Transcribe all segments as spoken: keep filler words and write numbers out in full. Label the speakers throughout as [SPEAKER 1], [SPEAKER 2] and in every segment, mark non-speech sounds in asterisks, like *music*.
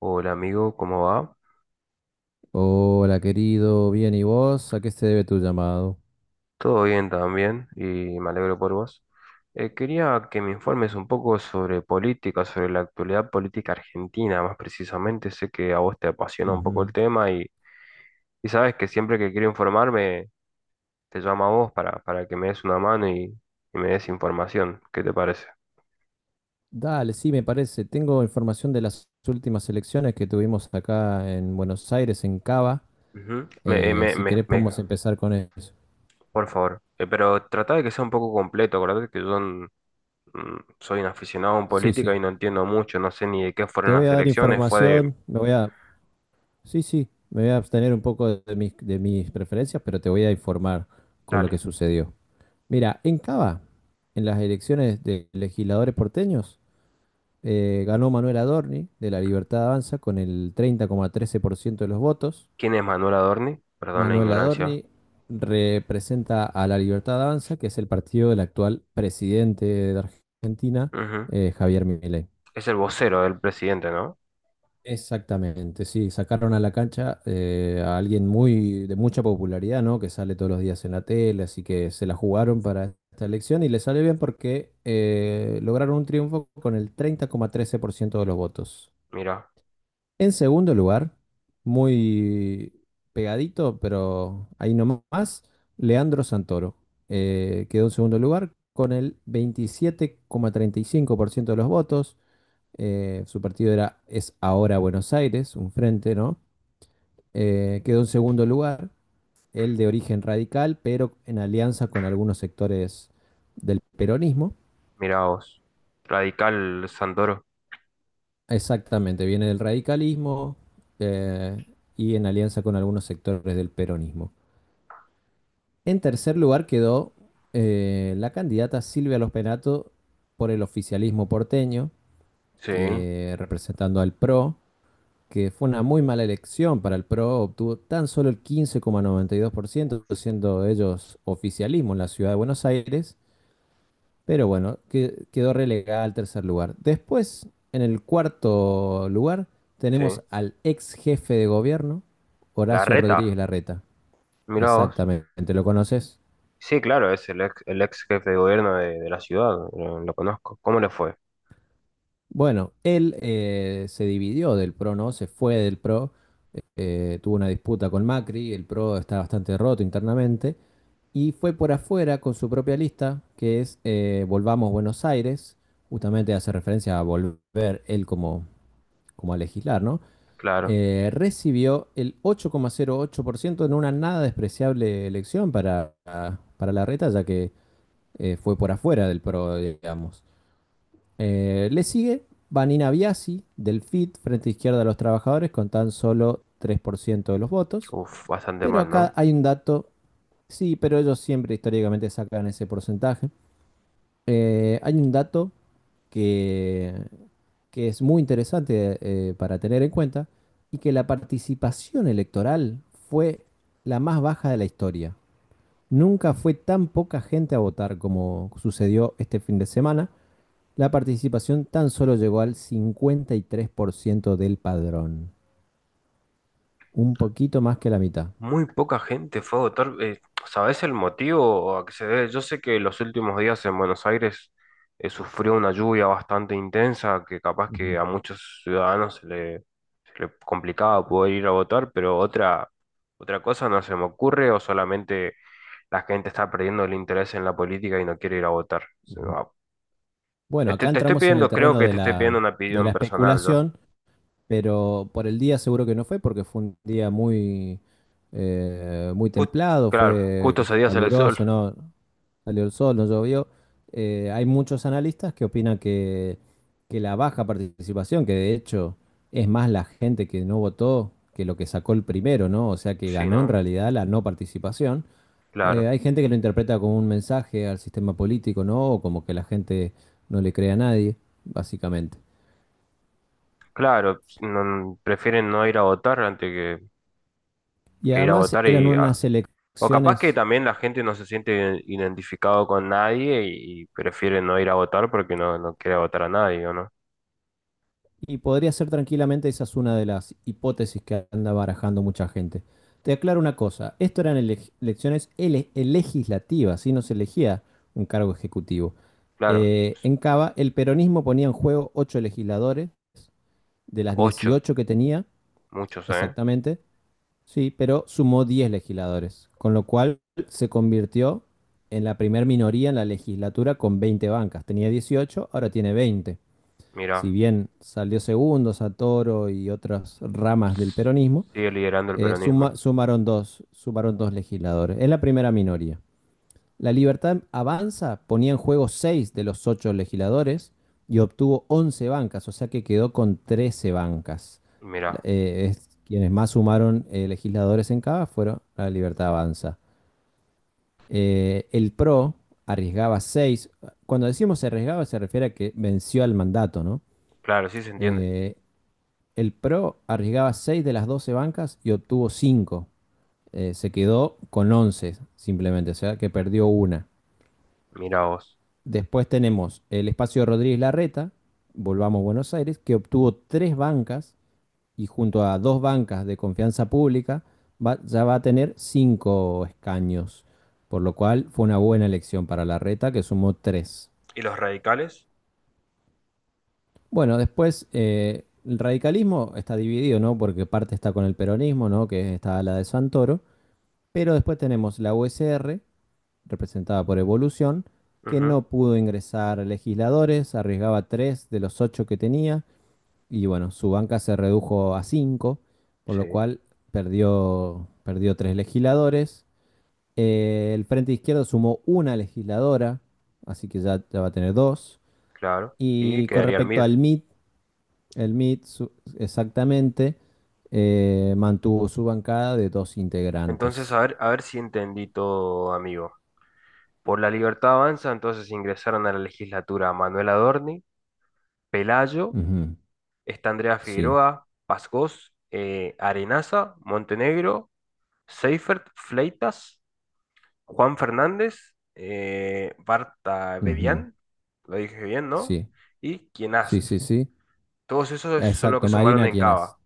[SPEAKER 1] Hola amigo, ¿cómo va?
[SPEAKER 2] Hola, querido, bien, ¿y vos? ¿A qué se debe tu llamado?
[SPEAKER 1] Todo bien también y me alegro por vos. Eh, quería que me informes un poco sobre política, sobre la actualidad política argentina, más precisamente. Sé que a vos te apasiona un poco el
[SPEAKER 2] Ujú.
[SPEAKER 1] tema y, y sabes que siempre que quiero informarme te llamo a vos para, para que me des una mano y, y me des información. ¿Qué te parece?
[SPEAKER 2] Dale, sí, me parece. Tengo información de las últimas elecciones que tuvimos acá en Buenos Aires, en Cava.
[SPEAKER 1] Ujú. Me, eh,
[SPEAKER 2] Eh,
[SPEAKER 1] me-
[SPEAKER 2] si
[SPEAKER 1] me-
[SPEAKER 2] querés,
[SPEAKER 1] me-
[SPEAKER 2] podemos empezar con eso.
[SPEAKER 1] por favor. Eh, pero trata de que sea un poco completo. Acordate que yo mm, soy un aficionado en
[SPEAKER 2] Sí,
[SPEAKER 1] política
[SPEAKER 2] sí.
[SPEAKER 1] y no entiendo mucho, no sé ni de qué
[SPEAKER 2] Te
[SPEAKER 1] fueron
[SPEAKER 2] voy
[SPEAKER 1] las
[SPEAKER 2] a dar
[SPEAKER 1] elecciones, fue de,
[SPEAKER 2] información, me voy a. Sí, sí, me voy a abstener un poco de mis, de mis preferencias, pero te voy a informar con lo que
[SPEAKER 1] dale,
[SPEAKER 2] sucedió. Mira, en Cava, en las elecciones de legisladores porteños, Eh, ganó Manuel Adorni de La Libertad Avanza con el treinta coma trece por ciento de los votos.
[SPEAKER 1] ¿quién es Manuel Adorni? Perdón la
[SPEAKER 2] Manuel
[SPEAKER 1] ignorancia.
[SPEAKER 2] Adorni representa a La Libertad Avanza, que es el partido del actual presidente de Argentina,
[SPEAKER 1] Ujú.
[SPEAKER 2] eh, Javier Milei.
[SPEAKER 1] Es el vocero del presidente, ¿no?
[SPEAKER 2] Exactamente, sí, sacaron a la cancha eh, a alguien muy de mucha popularidad, ¿no? Que sale todos los días en la tele, así que se la jugaron para esta elección y le sale bien porque eh, lograron un triunfo con el treinta coma trece por ciento de los votos.
[SPEAKER 1] Mira,
[SPEAKER 2] En segundo lugar, muy pegadito, pero ahí nomás, Leandro Santoro. Eh, quedó en segundo lugar con el veintisiete coma treinta y cinco por ciento de los votos. Eh, su partido era Es Ahora Buenos Aires, un frente, ¿no? Eh, quedó en segundo lugar, el de origen radical, pero en alianza con algunos sectores del peronismo.
[SPEAKER 1] mira vos. Radical Santoro.
[SPEAKER 2] Exactamente, viene del radicalismo eh, y en alianza con algunos sectores del peronismo. En tercer lugar quedó eh, la candidata Silvia Los Penato por el oficialismo porteño,
[SPEAKER 1] Sí.
[SPEAKER 2] que representando al PRO, que fue una muy mala elección para el PRO, obtuvo tan solo el quince coma noventa y dos por ciento
[SPEAKER 1] Uf.
[SPEAKER 2] siendo ellos oficialismo en la ciudad de Buenos Aires, pero bueno, que- quedó relegada al tercer lugar. Después, en el cuarto lugar,
[SPEAKER 1] Sí.
[SPEAKER 2] tenemos al ex jefe de gobierno,
[SPEAKER 1] La
[SPEAKER 2] Horacio
[SPEAKER 1] reta,
[SPEAKER 2] Rodríguez Larreta.
[SPEAKER 1] mira vos.
[SPEAKER 2] Exactamente, ¿lo conoces?
[SPEAKER 1] Sí, claro, es el ex, el ex jefe de gobierno de, de la ciudad, lo, lo conozco. ¿Cómo le fue?
[SPEAKER 2] Bueno, él eh, se dividió del PRO, ¿no? Se fue del PRO, eh, tuvo una disputa con Macri, el PRO está bastante roto internamente, y fue por afuera con su propia lista, que es eh, Volvamos Buenos Aires, justamente hace referencia a volver él como, como a legislar, ¿no?
[SPEAKER 1] Claro.
[SPEAKER 2] Eh, recibió el ocho coma cero ocho por ciento en una nada despreciable elección para, para Larreta, ya que eh, fue por afuera del PRO, digamos. Eh, le sigue Vanina Biasi del FIT, Frente Izquierda de los Trabajadores, con tan solo tres por ciento de los votos.
[SPEAKER 1] Uf, bastante
[SPEAKER 2] Pero
[SPEAKER 1] mal,
[SPEAKER 2] acá
[SPEAKER 1] ¿no?
[SPEAKER 2] hay un dato, sí, pero ellos siempre históricamente sacan ese porcentaje. Eh, hay un dato que, que es muy interesante eh, para tener en cuenta y que la participación electoral fue la más baja de la historia. Nunca fue tan poca gente a votar como sucedió este fin de semana. La participación tan solo llegó al cincuenta y tres por ciento del padrón, un poquito más que la mitad.
[SPEAKER 1] Muy poca gente fue a votar. Eh, ¿sabés el motivo a que se debe? Yo sé que los últimos días en Buenos Aires eh, sufrió una lluvia bastante intensa que capaz
[SPEAKER 2] Ujú,
[SPEAKER 1] que a muchos ciudadanos se le, se le complicaba poder ir a votar, pero otra, otra cosa no se me ocurre o solamente la gente está perdiendo el interés en la política y no quiere ir a votar. Se me
[SPEAKER 2] ujú.
[SPEAKER 1] va.
[SPEAKER 2] Bueno,
[SPEAKER 1] Este,
[SPEAKER 2] acá
[SPEAKER 1] te estoy
[SPEAKER 2] entramos en el
[SPEAKER 1] pidiendo, creo
[SPEAKER 2] terreno
[SPEAKER 1] que
[SPEAKER 2] de
[SPEAKER 1] te estoy
[SPEAKER 2] la,
[SPEAKER 1] pidiendo una
[SPEAKER 2] de la
[SPEAKER 1] opinión personal yo.
[SPEAKER 2] especulación, pero por el día seguro que no fue, porque fue un día muy, eh, muy
[SPEAKER 1] Jus-
[SPEAKER 2] templado,
[SPEAKER 1] claro,
[SPEAKER 2] fue
[SPEAKER 1] justo ese día sale el sol.
[SPEAKER 2] caluroso, ¿no? Salió el sol, no llovió. Eh, hay muchos analistas que opinan que, que la baja participación, que de hecho es más la gente que no votó que lo que sacó el primero, ¿no? O sea que
[SPEAKER 1] Sí,
[SPEAKER 2] ganó en
[SPEAKER 1] ¿no?
[SPEAKER 2] realidad la no participación. Eh,
[SPEAKER 1] Claro.
[SPEAKER 2] hay gente que lo interpreta como un mensaje al sistema político, ¿no? O como que la gente no le cree a nadie, básicamente.
[SPEAKER 1] Claro, no- prefieren no ir a votar antes que,
[SPEAKER 2] Y
[SPEAKER 1] que ir a
[SPEAKER 2] además
[SPEAKER 1] votar
[SPEAKER 2] eran
[SPEAKER 1] y ah,
[SPEAKER 2] unas
[SPEAKER 1] o capaz que
[SPEAKER 2] elecciones.
[SPEAKER 1] también la gente no se siente iden- identificado con nadie y, y prefiere no ir a votar porque no, no quiere votar a nadie, ¿o no?
[SPEAKER 2] Y podría ser tranquilamente, esa es una de las hipótesis que anda barajando mucha gente. Te aclaro una cosa, esto eran ele- elecciones ele- legislativas, y no se elegía un cargo ejecutivo.
[SPEAKER 1] Claro,
[SPEAKER 2] Eh, en Cava, el peronismo ponía en juego ocho legisladores, de las
[SPEAKER 1] ocho,
[SPEAKER 2] dieciocho que tenía,
[SPEAKER 1] muchos, ¿eh?
[SPEAKER 2] exactamente, sí, pero sumó diez legisladores, con lo cual se convirtió en la primer minoría en la legislatura con veinte bancas. Tenía dieciocho, ahora tiene veinte. Si
[SPEAKER 1] Mira,
[SPEAKER 2] bien salió segundo Santoro y otras ramas del peronismo,
[SPEAKER 1] sigue liderando el
[SPEAKER 2] eh, suma-
[SPEAKER 1] peronismo.
[SPEAKER 2] sumaron, dos, sumaron dos legisladores. Es la primera minoría. La Libertad Avanza ponía en juego seis de los ocho legisladores y obtuvo once bancas, o sea que quedó con trece bancas.
[SPEAKER 1] Mira,
[SPEAKER 2] Eh, es- quienes más sumaron eh, legisladores en cada fueron la Libertad Avanza. Eh, el PRO arriesgaba seis. Cuando decimos arriesgaba se refiere a que venció al mandato, ¿no?
[SPEAKER 1] claro, sí se entiende.
[SPEAKER 2] Eh, El Pro arriesgaba seis de las doce bancas y obtuvo cinco. Se quedó con once, simplemente, o sea que perdió una.
[SPEAKER 1] Mira vos.
[SPEAKER 2] Después tenemos el espacio de Rodríguez Larreta, volvamos a Buenos Aires, que obtuvo tres bancas y junto a dos bancas de confianza pública va- ya va a tener cinco escaños. Por lo cual fue una buena elección para Larreta, que sumó tres.
[SPEAKER 1] ¿Y los radicales?
[SPEAKER 2] Bueno, después eh, el radicalismo está dividido, ¿no? Porque parte está con el peronismo, ¿no? Que está a la de Santoro. Pero después tenemos la U S R, representada por Evolución, que
[SPEAKER 1] Ujú,
[SPEAKER 2] no pudo ingresar legisladores, arriesgaba tres de los ocho que tenía, y bueno, su banca se redujo a cinco, por
[SPEAKER 1] sí,
[SPEAKER 2] lo cual perdió, perdió tres legisladores. Eh, el Frente Izquierdo sumó una legisladora, así que ya, ya va a tener dos.
[SPEAKER 1] claro. Y
[SPEAKER 2] Y con
[SPEAKER 1] quedaría el
[SPEAKER 2] respecto
[SPEAKER 1] M I D.
[SPEAKER 2] al MIT, el MIT su- exactamente eh, mantuvo su bancada de dos
[SPEAKER 1] Entonces,
[SPEAKER 2] integrantes.
[SPEAKER 1] a ver, a ver si entendí todo, amigo. Por la Libertad Avanza, entonces ingresaron a la legislatura Manuel Adorni, Pelayo,
[SPEAKER 2] Ujú,
[SPEAKER 1] está Andrea
[SPEAKER 2] sí.
[SPEAKER 1] Figueroa, Pascós, eh, Arenaza, Montenegro, Seifert, Fleitas, Juan Fernández, eh, Barta
[SPEAKER 2] Ujú.
[SPEAKER 1] Bedián, lo dije bien, ¿no?
[SPEAKER 2] Sí,
[SPEAKER 1] Y
[SPEAKER 2] sí,
[SPEAKER 1] Quienast.
[SPEAKER 2] sí, sí.
[SPEAKER 1] Todos esos son los que
[SPEAKER 2] Exacto,
[SPEAKER 1] sumaron
[SPEAKER 2] Marina
[SPEAKER 1] en
[SPEAKER 2] Quienas.
[SPEAKER 1] Cava.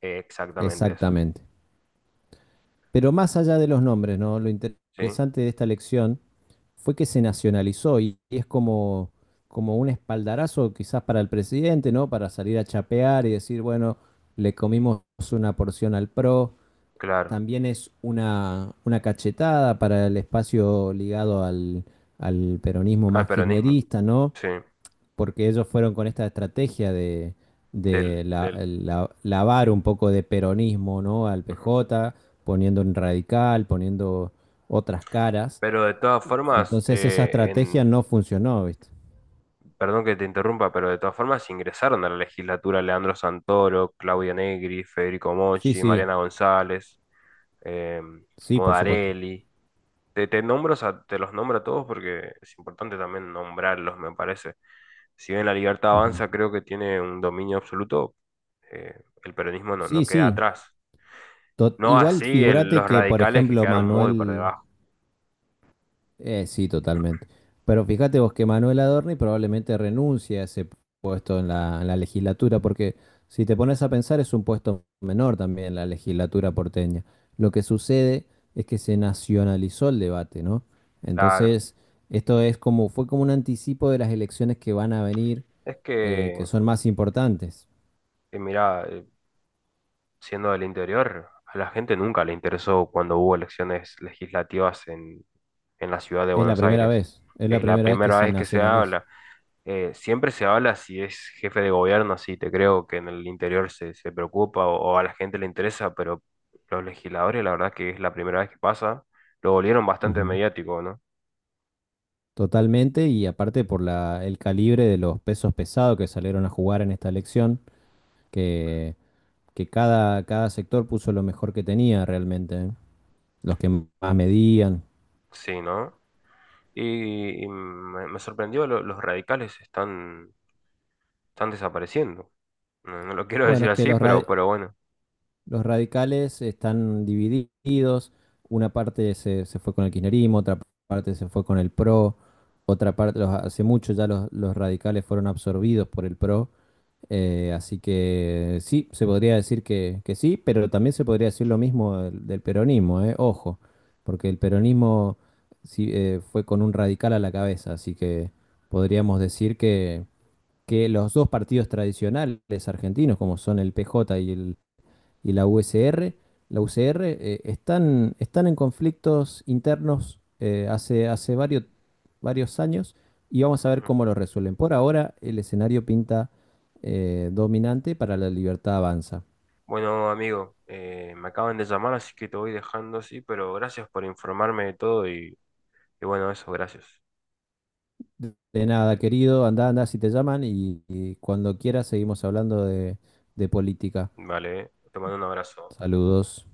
[SPEAKER 1] Eh, exactamente eso,
[SPEAKER 2] Exactamente. Pero más allá de los nombres, ¿no? Lo inter-
[SPEAKER 1] ¿sí?
[SPEAKER 2] interesante de esta elección fue que se nacionalizó y y es como, como un espaldarazo quizás para el presidente, ¿no? Para salir a chapear y decir, bueno, le comimos una porción al PRO.
[SPEAKER 1] Claro,
[SPEAKER 2] También es una, una cachetada para el espacio ligado al, al peronismo
[SPEAKER 1] al
[SPEAKER 2] más
[SPEAKER 1] peronismo,
[SPEAKER 2] kirchnerista, ¿no?
[SPEAKER 1] sí,
[SPEAKER 2] Porque ellos fueron con esta estrategia de, de
[SPEAKER 1] del,
[SPEAKER 2] la-
[SPEAKER 1] del.
[SPEAKER 2] la- lavar un poco de peronismo, ¿no? Al
[SPEAKER 1] Ujú.
[SPEAKER 2] P J, poniendo un radical, poniendo otras caras.
[SPEAKER 1] Pero de todas formas,
[SPEAKER 2] Entonces esa
[SPEAKER 1] eh,
[SPEAKER 2] estrategia
[SPEAKER 1] en,
[SPEAKER 2] no funcionó, ¿viste?
[SPEAKER 1] perdón que te interrumpa, pero de todas formas ingresaron a la legislatura Leandro Santoro, Claudia Negri, Federico
[SPEAKER 2] Sí,
[SPEAKER 1] Mochi,
[SPEAKER 2] sí,
[SPEAKER 1] Mariana González, eh,
[SPEAKER 2] sí, por supuesto.
[SPEAKER 1] Modarelli. Te, te nombro, o sea, te los nombro a todos porque es importante también nombrarlos, me parece. Si bien la libertad
[SPEAKER 2] Ujú.
[SPEAKER 1] avanza, creo que tiene un dominio absoluto, eh, el peronismo no, no
[SPEAKER 2] Sí,
[SPEAKER 1] queda
[SPEAKER 2] sí.
[SPEAKER 1] atrás.
[SPEAKER 2] To-
[SPEAKER 1] No
[SPEAKER 2] Igual
[SPEAKER 1] así el-
[SPEAKER 2] figúrate
[SPEAKER 1] los
[SPEAKER 2] que, por
[SPEAKER 1] radicales que
[SPEAKER 2] ejemplo,
[SPEAKER 1] quedaron muy por
[SPEAKER 2] Manuel,
[SPEAKER 1] debajo.
[SPEAKER 2] Eh, sí, totalmente. Pero fíjate vos que Manuel Adorni probablemente renuncie a ese puesto en la, en la legislatura, porque si te pones a pensar es un puesto menor también la legislatura porteña. Lo que sucede es que se nacionalizó el debate, ¿no?
[SPEAKER 1] Claro.
[SPEAKER 2] Entonces, esto es como, fue como un anticipo de las elecciones que van a venir,
[SPEAKER 1] Es
[SPEAKER 2] eh,
[SPEAKER 1] que,
[SPEAKER 2] que son más importantes.
[SPEAKER 1] eh, mirá, eh, siendo del interior, a la gente nunca le interesó cuando hubo elecciones legislativas en, en la ciudad de
[SPEAKER 2] Es la
[SPEAKER 1] Buenos
[SPEAKER 2] primera
[SPEAKER 1] Aires.
[SPEAKER 2] vez, es la
[SPEAKER 1] Es la
[SPEAKER 2] primera vez que
[SPEAKER 1] primera
[SPEAKER 2] se
[SPEAKER 1] vez que se
[SPEAKER 2] nacionaliza.
[SPEAKER 1] habla. Eh, siempre se habla si es jefe de gobierno, sí, te creo que en el interior se, se preocupa o, o a la gente le interesa, pero los legisladores, la verdad que es la primera vez que pasa, lo volvieron bastante mediático, ¿no?
[SPEAKER 2] Totalmente, y aparte por la, el calibre de los pesos pesados que salieron a jugar en esta elección, que, que cada, cada sector puso lo mejor que tenía realmente, ¿eh? Los que más medían.
[SPEAKER 1] Sí, ¿no? Y, y me, me sorprendió, lo- los radicales están, están desapareciendo. No, no lo *laughs* quiero
[SPEAKER 2] Bueno,
[SPEAKER 1] decir
[SPEAKER 2] es que
[SPEAKER 1] así,
[SPEAKER 2] los, ra-
[SPEAKER 1] pero, pero bueno.
[SPEAKER 2] los radicales están divididos, una parte se, se fue con el kirchnerismo, otra parte se fue con el PRO, otra parte, los- hace mucho ya los, los radicales fueron absorbidos por el PRO. Eh, así que sí, se podría decir que, que sí, pero también se podría decir lo mismo del, del peronismo, eh, ojo, porque el peronismo sí, eh, fue con un radical a la cabeza, así que podríamos decir que, que los dos partidos tradicionales argentinos, como son el P J y el, y la U S R, la U C R, eh, están, están en conflictos internos eh, hace, hace varios, varios años y vamos a ver
[SPEAKER 1] Ujú.
[SPEAKER 2] cómo lo resuelven. Por ahora, el escenario pinta eh, dominante para la libertad avanza.
[SPEAKER 1] Bueno, amigo, eh, me acaban de llamar, así que te voy dejando así, pero gracias por informarme de todo y, y bueno, eso, gracias.
[SPEAKER 2] De nada, querido, anda, anda si te llaman y, y cuando quieras seguimos hablando de, de política.
[SPEAKER 1] Vale, te mando un abrazo.
[SPEAKER 2] Saludos.